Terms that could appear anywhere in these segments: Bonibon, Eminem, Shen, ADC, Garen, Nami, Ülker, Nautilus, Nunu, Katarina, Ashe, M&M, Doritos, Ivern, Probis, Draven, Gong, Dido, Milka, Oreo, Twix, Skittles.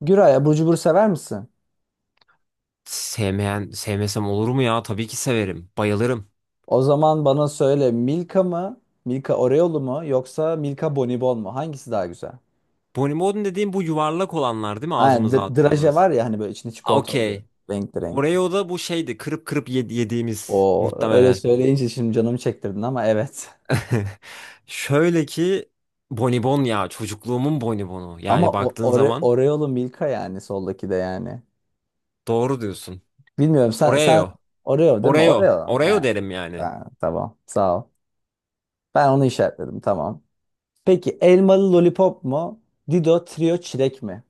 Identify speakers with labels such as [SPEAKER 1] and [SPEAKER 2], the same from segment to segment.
[SPEAKER 1] Güray, abur cubur sever misin?
[SPEAKER 2] Sevmeyen, sevmesem olur mu ya? Tabii ki severim. Bayılırım.
[SPEAKER 1] O zaman bana söyle, Milka mı, Milka Oreo'lu mu, yoksa Milka Bonibon mu? Hangisi daha güzel?
[SPEAKER 2] Bonibon dediğim bu yuvarlak olanlar değil mi
[SPEAKER 1] Aynen,
[SPEAKER 2] ağzımıza
[SPEAKER 1] draje var
[SPEAKER 2] attığımız?
[SPEAKER 1] ya hani, böyle içinde çikolata oluyor.
[SPEAKER 2] Okey.
[SPEAKER 1] Renkli renkli.
[SPEAKER 2] Oreo da bu şeydi kırıp kırıp yediğimiz
[SPEAKER 1] O öyle
[SPEAKER 2] muhtemelen.
[SPEAKER 1] söyleyince şimdi canımı çektirdin, ama evet.
[SPEAKER 2] Şöyle ki, Bonibon ya çocukluğumun Bonibonu.
[SPEAKER 1] Ama
[SPEAKER 2] Yani baktığın zaman
[SPEAKER 1] Oreo'lu Milka yani, soldaki de yani.
[SPEAKER 2] doğru diyorsun.
[SPEAKER 1] Bilmiyorum, sen
[SPEAKER 2] Oreo.
[SPEAKER 1] Oreo değil mi?
[SPEAKER 2] Oreo.
[SPEAKER 1] Oreo.
[SPEAKER 2] Oreo derim yani.
[SPEAKER 1] Ha, tamam, sağ ol. Ben onu işaretledim, tamam. Peki, elmalı lollipop mu, Dido trio çilek mi?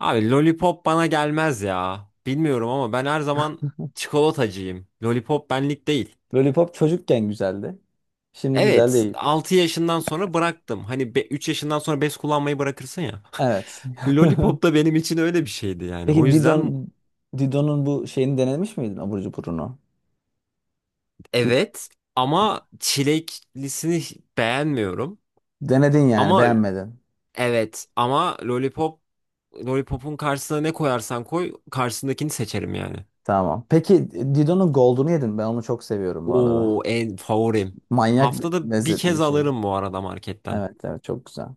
[SPEAKER 2] Abi Lollipop bana gelmez ya. Bilmiyorum ama ben her zaman çikolatacıyım. Lollipop benlik değil.
[SPEAKER 1] Lollipop çocukken güzeldi. Şimdi güzel
[SPEAKER 2] Evet,
[SPEAKER 1] değil.
[SPEAKER 2] 6 yaşından sonra bıraktım. Hani 3 yaşından sonra bez kullanmayı bırakırsın ya.
[SPEAKER 1] Evet.
[SPEAKER 2] Lollipop da benim için öyle bir şeydi yani. O
[SPEAKER 1] Peki,
[SPEAKER 2] yüzden
[SPEAKER 1] Didon'un bu şeyini denemiş miydin, abur cuburunu? Di-
[SPEAKER 2] evet, ama çileklisini beğenmiyorum.
[SPEAKER 1] Denedin yani,
[SPEAKER 2] Ama
[SPEAKER 1] beğenmedin.
[SPEAKER 2] evet ama Lollipop, Lollipop'un karşısına ne koyarsan koy karşısındakini seçerim yani.
[SPEAKER 1] Tamam. Peki, Didon'un Gold'unu yedin. Ben onu çok seviyorum bu arada.
[SPEAKER 2] Oo, en favorim.
[SPEAKER 1] Manyak
[SPEAKER 2] Haftada bir
[SPEAKER 1] lezzetli bir
[SPEAKER 2] kez
[SPEAKER 1] şey.
[SPEAKER 2] alırım bu arada marketten.
[SPEAKER 1] Evet, çok güzel.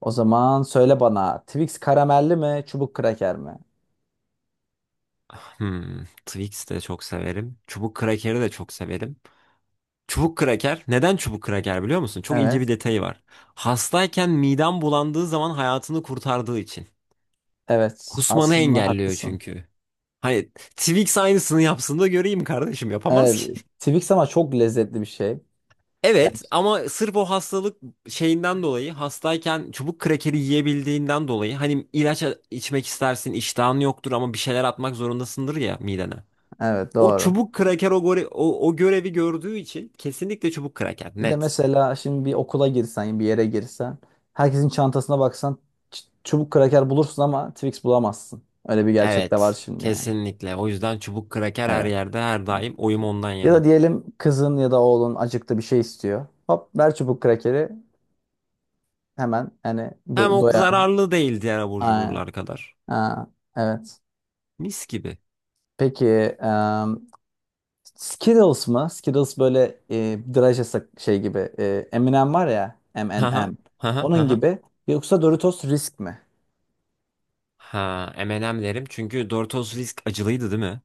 [SPEAKER 1] O zaman söyle bana, Twix karamelli mi, çubuk kraker mi?
[SPEAKER 2] Twix de çok severim. Çubuk krakeri de çok severim. Çubuk kraker. Neden çubuk kraker biliyor musun? Çok ince bir
[SPEAKER 1] Evet.
[SPEAKER 2] detayı var. Hastayken midem bulandığı zaman hayatını kurtardığı için.
[SPEAKER 1] Evet,
[SPEAKER 2] Kusmanı
[SPEAKER 1] aslında
[SPEAKER 2] engelliyor
[SPEAKER 1] haklısın.
[SPEAKER 2] çünkü. Hani Twix aynısını yapsın da göreyim, kardeşim yapamaz
[SPEAKER 1] Evet,
[SPEAKER 2] ki.
[SPEAKER 1] Twix ama çok lezzetli bir şey.
[SPEAKER 2] Evet
[SPEAKER 1] Gerçi-
[SPEAKER 2] ama sırf o hastalık şeyinden dolayı, hastayken çubuk krakeri yiyebildiğinden dolayı, hani ilaç içmek istersin, iştahın yoktur ama bir şeyler atmak zorundasındır ya midene.
[SPEAKER 1] Evet,
[SPEAKER 2] O
[SPEAKER 1] doğru.
[SPEAKER 2] çubuk kraker o görevi gördüğü için kesinlikle çubuk kraker,
[SPEAKER 1] Bir de
[SPEAKER 2] net.
[SPEAKER 1] mesela şimdi bir okula girsen, bir yere girsen, herkesin çantasına baksan, çubuk kraker bulursun ama Twix bulamazsın. Öyle bir gerçek de var
[SPEAKER 2] Evet,
[SPEAKER 1] şimdi yani.
[SPEAKER 2] kesinlikle. O yüzden çubuk kraker her
[SPEAKER 1] Evet,
[SPEAKER 2] yerde her
[SPEAKER 1] evet.
[SPEAKER 2] daim oyum ondan
[SPEAKER 1] Ya da
[SPEAKER 2] yana.
[SPEAKER 1] diyelim, kızın ya da oğlun acıktı, bir şey istiyor. Hop, ver çubuk krakeri hemen, hani
[SPEAKER 2] Hem o
[SPEAKER 1] doyar.
[SPEAKER 2] zararlı değil diğer abur
[SPEAKER 1] Aynen.
[SPEAKER 2] cuburlar kadar.
[SPEAKER 1] Ha, evet.
[SPEAKER 2] Mis gibi.
[SPEAKER 1] Peki, em, Skittles mı? Skittles böyle, draj şey gibi. M&M var ya,
[SPEAKER 2] Haha,
[SPEAKER 1] M&M.
[SPEAKER 2] haha,
[SPEAKER 1] Onun
[SPEAKER 2] haha.
[SPEAKER 1] gibi. Yoksa Doritos Risk mi?
[SPEAKER 2] Ha, M&M derim çünkü Doritos Risk acılıydı değil mi?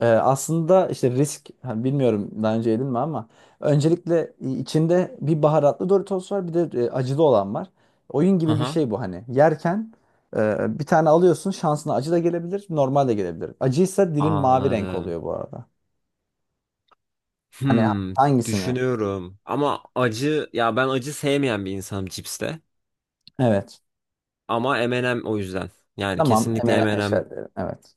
[SPEAKER 1] Aslında işte risk, hani bilmiyorum daha önce yedin mi ama öncelikle, içinde bir baharatlı Doritos var, bir de acılı olan var. Oyun gibi bir
[SPEAKER 2] Haha,
[SPEAKER 1] şey bu hani. Yerken bir tane alıyorsun, şansına acı da gelebilir, normal de gelebilir. Acıysa dilim mavi renk
[SPEAKER 2] anladım.
[SPEAKER 1] oluyor bu arada. Hani
[SPEAKER 2] Hmm,
[SPEAKER 1] hangisini?
[SPEAKER 2] düşünüyorum. Ama acı, ya ben acı sevmeyen bir insanım cipste.
[SPEAKER 1] Evet.
[SPEAKER 2] Ama M&M o yüzden. Yani
[SPEAKER 1] Tamam,
[SPEAKER 2] kesinlikle
[SPEAKER 1] M&M
[SPEAKER 2] M&M.
[SPEAKER 1] eşerleri. Evet.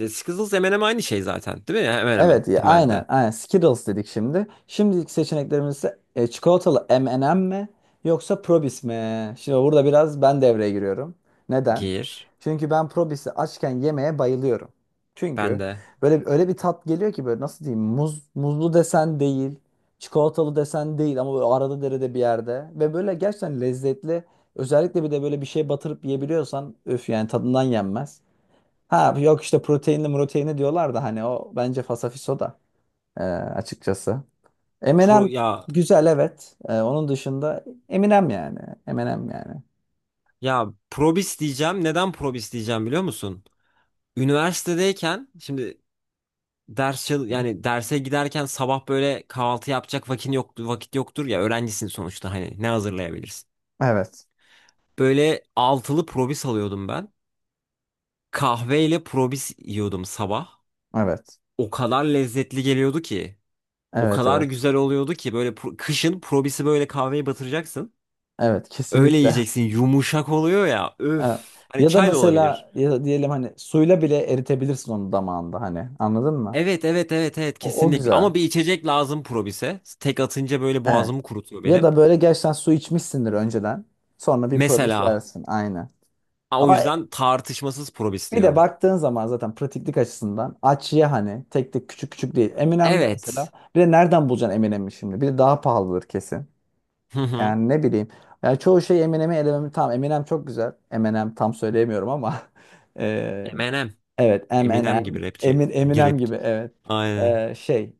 [SPEAKER 2] E, Skittles M&M aynı şey zaten, değil mi? Hemen hemen
[SPEAKER 1] Evet, ya, aynen,
[SPEAKER 2] temelde.
[SPEAKER 1] aynen. Skittles dedik şimdi. Şimdilik seçeneklerimizde çikolatalı M&M mi, yoksa Probis mi? Şimdi burada biraz ben devreye giriyorum. Neden?
[SPEAKER 2] Gir.
[SPEAKER 1] Çünkü ben Probis'i açken yemeye bayılıyorum.
[SPEAKER 2] Ben
[SPEAKER 1] Çünkü
[SPEAKER 2] de.
[SPEAKER 1] böyle öyle bir tat geliyor ki, böyle nasıl diyeyim? Muzlu desen değil, çikolatalı desen değil, ama böyle arada derede bir yerde, ve böyle gerçekten lezzetli. Özellikle bir de böyle bir şey batırıp yiyebiliyorsan, öf, yani tadından yenmez. Ha yok, işte proteinli proteinli diyorlar da, hani o bence fasafiso da, açıkçası.
[SPEAKER 2] Pro
[SPEAKER 1] Eminem
[SPEAKER 2] ya
[SPEAKER 1] güzel, evet. E, onun dışında Eminem yani. Eminem yani.
[SPEAKER 2] Ya probis diyeceğim. Neden probis diyeceğim biliyor musun? Üniversitedeyken şimdi, yani derse giderken sabah böyle kahvaltı yapacak vakit yoktu, vakit yoktur ya, öğrencisin sonuçta, hani ne hazırlayabilirsin?
[SPEAKER 1] Evet.
[SPEAKER 2] Böyle altılı probis alıyordum ben. Kahveyle probis yiyordum sabah.
[SPEAKER 1] Evet.
[SPEAKER 2] O kadar lezzetli geliyordu ki. O
[SPEAKER 1] Evet,
[SPEAKER 2] kadar
[SPEAKER 1] evet.
[SPEAKER 2] güzel oluyordu ki, böyle kışın probisi böyle kahveye batıracaksın.
[SPEAKER 1] Evet,
[SPEAKER 2] Öyle
[SPEAKER 1] kesinlikle.
[SPEAKER 2] yiyeceksin. Yumuşak oluyor ya. Öf.
[SPEAKER 1] Evet.
[SPEAKER 2] Hani
[SPEAKER 1] Ya da
[SPEAKER 2] çay da olabilir.
[SPEAKER 1] mesela, ya da diyelim, hani suyla bile eritebilirsin onu damağında, hani anladın mı?
[SPEAKER 2] Evet evet evet evet,
[SPEAKER 1] O
[SPEAKER 2] kesinlikle.
[SPEAKER 1] güzel.
[SPEAKER 2] Ama bir içecek lazım Probis'e. Tek atınca böyle
[SPEAKER 1] Evet.
[SPEAKER 2] boğazımı kurutuyor
[SPEAKER 1] Ya
[SPEAKER 2] benim.
[SPEAKER 1] da böyle gerçekten su içmişsindir önceden. Sonra bir probis
[SPEAKER 2] Mesela,
[SPEAKER 1] yersin. Aynen.
[SPEAKER 2] ha, o
[SPEAKER 1] Ama
[SPEAKER 2] yüzden tartışmasız Probis
[SPEAKER 1] bir de
[SPEAKER 2] diyorum.
[SPEAKER 1] baktığın zaman zaten pratiklik açısından, Açıya hani, tek tek küçük küçük değil. Eminem'de mesela,
[SPEAKER 2] Evet.
[SPEAKER 1] bir de nereden bulacaksın Eminem'i şimdi? Bir de daha pahalıdır kesin.
[SPEAKER 2] Hı hı.
[SPEAKER 1] Yani ne bileyim. Yani çoğu şey Eminem'i elememi, tam Eminem çok güzel. Eminem tam söyleyemiyorum ama eee,
[SPEAKER 2] Eminem.
[SPEAKER 1] evet,
[SPEAKER 2] Eminem gibi
[SPEAKER 1] Eminem,
[SPEAKER 2] rapçi.
[SPEAKER 1] Emin, Eminem
[SPEAKER 2] Girip.
[SPEAKER 1] gibi, evet.
[SPEAKER 2] Aynen.
[SPEAKER 1] Şey,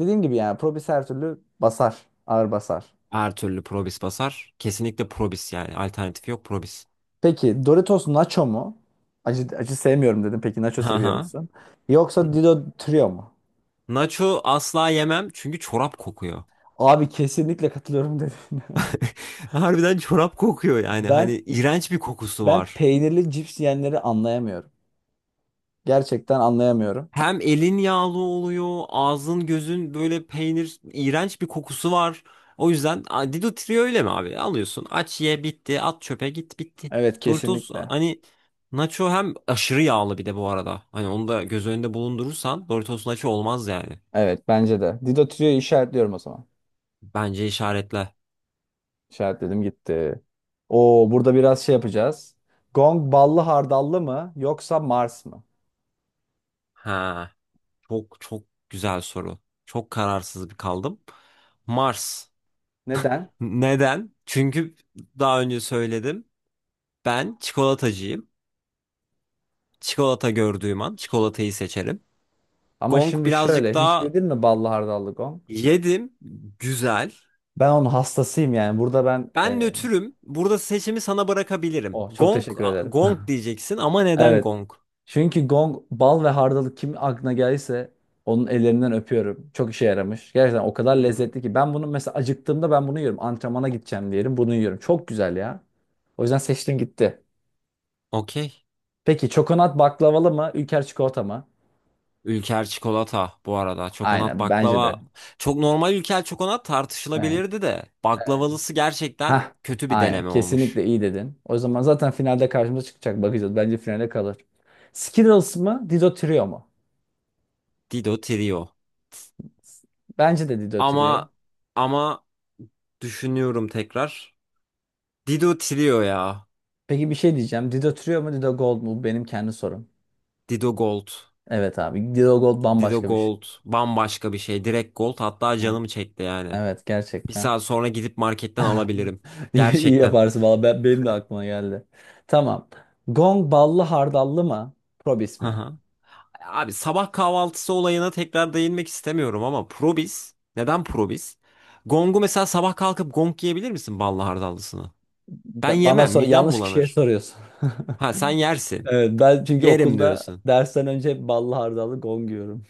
[SPEAKER 1] dediğim gibi yani, Probis her türlü basar. Ağır basar.
[SPEAKER 2] Her türlü Probis basar. Kesinlikle Probis yani. Alternatif yok, Probis.
[SPEAKER 1] Peki, Doritos Nacho mu? Acı sevmiyorum dedim. Peki, Nacho
[SPEAKER 2] Hı
[SPEAKER 1] seviyor
[SPEAKER 2] hı.
[SPEAKER 1] musun? Yoksa Dido Trio mu?
[SPEAKER 2] Nacho asla yemem çünkü çorap kokuyor.
[SPEAKER 1] Abi, kesinlikle katılıyorum dediğine.
[SPEAKER 2] Harbiden çorap kokuyor yani. Hani
[SPEAKER 1] Ben
[SPEAKER 2] iğrenç bir kokusu
[SPEAKER 1] ben
[SPEAKER 2] var.
[SPEAKER 1] peynirli cips yiyenleri anlayamıyorum. Gerçekten anlayamıyorum.
[SPEAKER 2] Hem elin yağlı oluyor, ağzın gözün böyle peynir, iğrenç bir kokusu var. O yüzden a, Dido Trio öyle mi abi? Alıyorsun, aç, ye, bitti, at çöpe, git, bitti.
[SPEAKER 1] Evet,
[SPEAKER 2] Doritos
[SPEAKER 1] kesinlikle.
[SPEAKER 2] hani Nacho hem aşırı yağlı bir de bu arada. Hani onu da göz önünde bulundurursan Doritos Nacho olmaz yani.
[SPEAKER 1] Evet, bence de. Dido Tüyo'yu işaretliyorum o zaman.
[SPEAKER 2] Bence işaretle.
[SPEAKER 1] İşaretledim gitti. Oo, burada biraz şey yapacağız. Gong ballı hardallı mı, yoksa Mars mı?
[SPEAKER 2] Ha, çok çok güzel soru. Çok kararsız bir kaldım. Mars.
[SPEAKER 1] Neden?
[SPEAKER 2] Neden? Çünkü daha önce söyledim. Ben çikolatacıyım. Çikolata gördüğüm an çikolatayı seçerim.
[SPEAKER 1] Ama
[SPEAKER 2] Gong
[SPEAKER 1] şimdi
[SPEAKER 2] birazcık
[SPEAKER 1] şöyle, hiç
[SPEAKER 2] daha
[SPEAKER 1] yedin mi ballı hardallı gong?
[SPEAKER 2] yedim. Güzel.
[SPEAKER 1] Ben onun hastasıyım yani. Burada ben,
[SPEAKER 2] Ben nötrüm. Burada seçimi sana bırakabilirim.
[SPEAKER 1] oh, çok
[SPEAKER 2] Gong,
[SPEAKER 1] teşekkür ederim.
[SPEAKER 2] gong diyeceksin ama neden
[SPEAKER 1] Evet.
[SPEAKER 2] gong?
[SPEAKER 1] Çünkü gong, bal ve hardalık kim aklına gelirse onun ellerinden öpüyorum. Çok işe yaramış. Gerçekten o kadar
[SPEAKER 2] Hı.
[SPEAKER 1] lezzetli ki. Ben bunu mesela acıktığımda ben bunu yiyorum. Antrenmana gideceğim diyelim, bunu yiyorum. Çok güzel ya. O yüzden seçtim gitti.
[SPEAKER 2] Okey.
[SPEAKER 1] Peki, çokonat baklavalı mı, Ülker çikolata mı?
[SPEAKER 2] Ülker çikolata bu arada. Çokonat
[SPEAKER 1] Aynen, bence
[SPEAKER 2] baklava.
[SPEAKER 1] de.
[SPEAKER 2] Çok normal, ülker çokonat
[SPEAKER 1] Evet.
[SPEAKER 2] tartışılabilirdi de. Baklavalısı gerçekten
[SPEAKER 1] Hah,
[SPEAKER 2] kötü bir
[SPEAKER 1] aynen,
[SPEAKER 2] deneme olmuş.
[SPEAKER 1] kesinlikle iyi dedin. O zaman zaten finalde karşımıza çıkacak, bakacağız. Bence finale kalır. Skittles mı, Dido Trio mu?
[SPEAKER 2] Dido Trio.
[SPEAKER 1] Bence de Dido Trio.
[SPEAKER 2] Ama ama düşünüyorum tekrar. Dido Trio ya.
[SPEAKER 1] Peki, bir şey diyeceğim. Dido Trio mu, Dido Gold mu? Bu benim kendi sorum.
[SPEAKER 2] Dido Gold.
[SPEAKER 1] Evet abi. Dilo Gold
[SPEAKER 2] Dido
[SPEAKER 1] bambaşka bir şey.
[SPEAKER 2] Gold bambaşka bir şey. Direkt Gold hatta
[SPEAKER 1] Ha,
[SPEAKER 2] canımı çekti yani.
[SPEAKER 1] evet,
[SPEAKER 2] Bir
[SPEAKER 1] gerçekten.
[SPEAKER 2] saat sonra gidip marketten alabilirim.
[SPEAKER 1] İyi, iyi
[SPEAKER 2] Gerçekten.
[SPEAKER 1] yaparsın valla. Benim de aklıma geldi. Tamam. Gong ballı hardallı mı, Probis
[SPEAKER 2] Hı
[SPEAKER 1] mi?
[SPEAKER 2] hı. Abi sabah kahvaltısı olayına tekrar değinmek istemiyorum ama Probis. Neden Probis? Gong'u mesela sabah kalkıp Gong yiyebilir misin, ballı hardallısını? Ben
[SPEAKER 1] Bana
[SPEAKER 2] yemem.
[SPEAKER 1] sor,
[SPEAKER 2] Midem
[SPEAKER 1] yanlış kişiye
[SPEAKER 2] bulanır.
[SPEAKER 1] soruyorsun.
[SPEAKER 2] Ha sen yersin.
[SPEAKER 1] Evet, ben çünkü
[SPEAKER 2] Yerim
[SPEAKER 1] okulda
[SPEAKER 2] diyorsun.
[SPEAKER 1] dersten önce hep ballı hardallı gong yiyorum.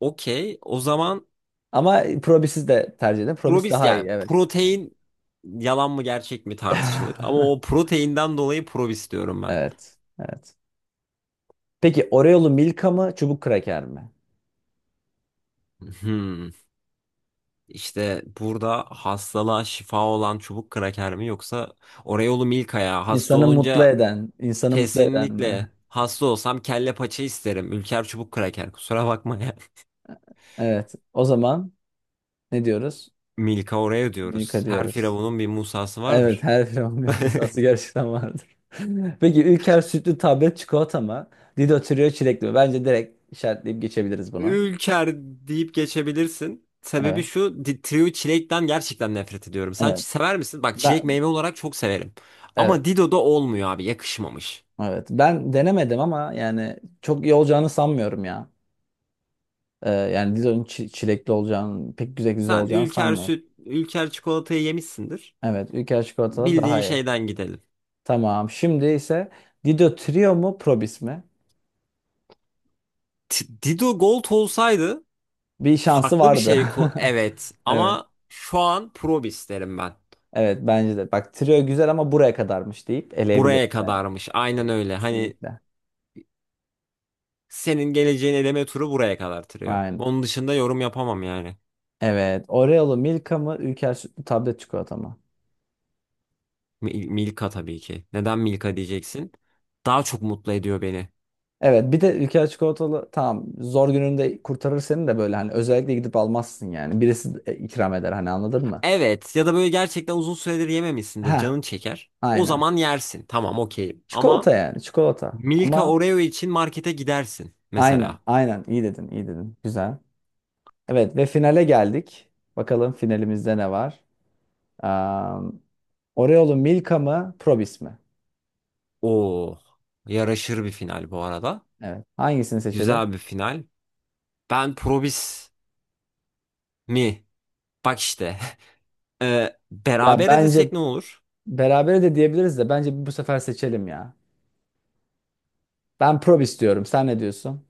[SPEAKER 2] Okey. O zaman
[SPEAKER 1] Ama probisi de tercih ederim. Probis
[SPEAKER 2] Probis,
[SPEAKER 1] daha iyi,
[SPEAKER 2] yani
[SPEAKER 1] evet. Yani.
[SPEAKER 2] protein yalan mı gerçek mi tartışılır. Ama o proteinden dolayı Probis diyorum ben.
[SPEAKER 1] Evet. Evet. Peki, Oreo'lu Milka mı, çubuk kraker mi?
[SPEAKER 2] Hmm. İşte burada hastalığa şifa olan çubuk kraker mi, yoksa Oreo'lu Milka ya. Hasta
[SPEAKER 1] İnsanı mutlu
[SPEAKER 2] olunca,
[SPEAKER 1] eden, insanı mutlu eden mi?
[SPEAKER 2] kesinlikle hasta olsam kelle paça isterim. Ülker çubuk kraker, kusura bakma ya.
[SPEAKER 1] Evet. O zaman ne diyoruz?
[SPEAKER 2] Milka Oreo
[SPEAKER 1] Milka
[SPEAKER 2] diyoruz. Her
[SPEAKER 1] diyoruz.
[SPEAKER 2] firavunun bir Musa'sı
[SPEAKER 1] Evet,
[SPEAKER 2] vardır.
[SPEAKER 1] her firmanın bir masası gerçekten vardır. Peki, Ülker sütlü tablet çikolata mı, Dido Trio çilekli mi? Bence direkt işaretleyip geçebiliriz bunu.
[SPEAKER 2] Ülker deyip geçebilirsin. Sebebi
[SPEAKER 1] Evet.
[SPEAKER 2] şu, Trio çilekten gerçekten nefret ediyorum. Sen
[SPEAKER 1] Evet.
[SPEAKER 2] sever misin? Bak çilek
[SPEAKER 1] Ben,
[SPEAKER 2] meyve olarak çok severim. Ama
[SPEAKER 1] evet.
[SPEAKER 2] Dido'da olmuyor abi, yakışmamış.
[SPEAKER 1] Evet. Ben denemedim ama yani çok iyi olacağını sanmıyorum ya. Yani Dido'nun çilekli olacağını, pek güzel güzel
[SPEAKER 2] Sen
[SPEAKER 1] olacağını
[SPEAKER 2] Ülker
[SPEAKER 1] sanmıyorum.
[SPEAKER 2] süt, Ülker çikolatayı yemişsindir.
[SPEAKER 1] Evet. Ülker çikolatalı
[SPEAKER 2] Bildiğin
[SPEAKER 1] daha iyi.
[SPEAKER 2] şeyden gidelim.
[SPEAKER 1] Tamam. Şimdi ise Dido Trio mu, Probis mi?
[SPEAKER 2] Dido Gold olsaydı
[SPEAKER 1] Bir şansı
[SPEAKER 2] farklı bir
[SPEAKER 1] vardı.
[SPEAKER 2] şey evet,
[SPEAKER 1] Evet.
[SPEAKER 2] ama şu an Probis derim ben.
[SPEAKER 1] Evet, bence de. Bak, trio güzel ama buraya kadarmış deyip eleyebiliriz
[SPEAKER 2] Buraya
[SPEAKER 1] ben.
[SPEAKER 2] kadarmış. Aynen
[SPEAKER 1] Evet,
[SPEAKER 2] öyle. Hani
[SPEAKER 1] kesinlikle.
[SPEAKER 2] senin geleceğin eleme turu buraya kadar tırıyor.
[SPEAKER 1] Aynen.
[SPEAKER 2] Onun dışında yorum yapamam yani.
[SPEAKER 1] Evet. Oreo'lu Milka mı, Ülker sütlü tablet çikolata mı?
[SPEAKER 2] Milka tabii ki. Neden Milka diyeceksin? Daha çok mutlu ediyor beni.
[SPEAKER 1] Evet, bir de Ülker çikolatalı, tamam, zor gününde kurtarır seni de, böyle hani özellikle gidip almazsın yani. Birisi de ikram eder, hani anladın mı?
[SPEAKER 2] Evet, ya da böyle gerçekten uzun süredir yememişsindir.
[SPEAKER 1] Ha,
[SPEAKER 2] Canın çeker. O
[SPEAKER 1] aynen.
[SPEAKER 2] zaman yersin. Tamam, okeyim.
[SPEAKER 1] Çikolata
[SPEAKER 2] Ama
[SPEAKER 1] yani, çikolata.
[SPEAKER 2] Milka
[SPEAKER 1] Ama
[SPEAKER 2] Oreo için markete gidersin
[SPEAKER 1] aynen,
[SPEAKER 2] mesela.
[SPEAKER 1] aynen, iyi dedin, iyi dedin. Güzel. Evet, ve finale geldik. Bakalım finalimizde ne var? Um, Oreo'lu Milka mı, Probis mi?
[SPEAKER 2] O yaraşır bir final bu arada.
[SPEAKER 1] Evet. Hangisini seçelim?
[SPEAKER 2] Güzel bir final. Ben Probis mi? Bak işte.
[SPEAKER 1] Ya
[SPEAKER 2] Berabere
[SPEAKER 1] bence
[SPEAKER 2] desek ne olur?
[SPEAKER 1] berabere de diyebiliriz de, bence bu sefer seçelim ya. Ben Probis diyorum. Sen ne diyorsun?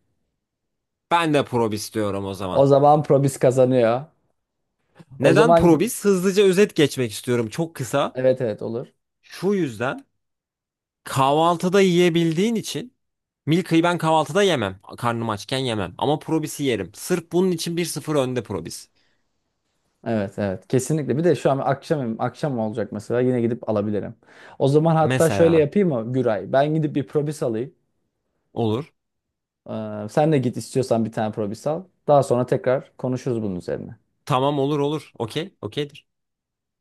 [SPEAKER 2] Ben de Probis diyorum o zaman.
[SPEAKER 1] O zaman Probis kazanıyor. O
[SPEAKER 2] Neden
[SPEAKER 1] zaman
[SPEAKER 2] Probis? Hızlıca özet geçmek istiyorum. Çok kısa.
[SPEAKER 1] evet, evet, olur.
[SPEAKER 2] Şu yüzden kahvaltıda yiyebildiğin için, Milka'yı ben kahvaltıda yemem. Karnım açken yemem. Ama Probis'i yerim. Sırf bunun için 1-0 önde Probis.
[SPEAKER 1] Evet, evet, kesinlikle. Bir de şu an akşam akşam olacak mesela, yine gidip alabilirim. O zaman hatta şöyle
[SPEAKER 2] Mesela.
[SPEAKER 1] yapayım mı Güray? Ben gidip bir Probis alayım.
[SPEAKER 2] Olur.
[SPEAKER 1] Sen de git istiyorsan bir tane Probis al. Daha sonra tekrar konuşuruz bunun üzerine.
[SPEAKER 2] Tamam, olur olur. Okey. Okeydir.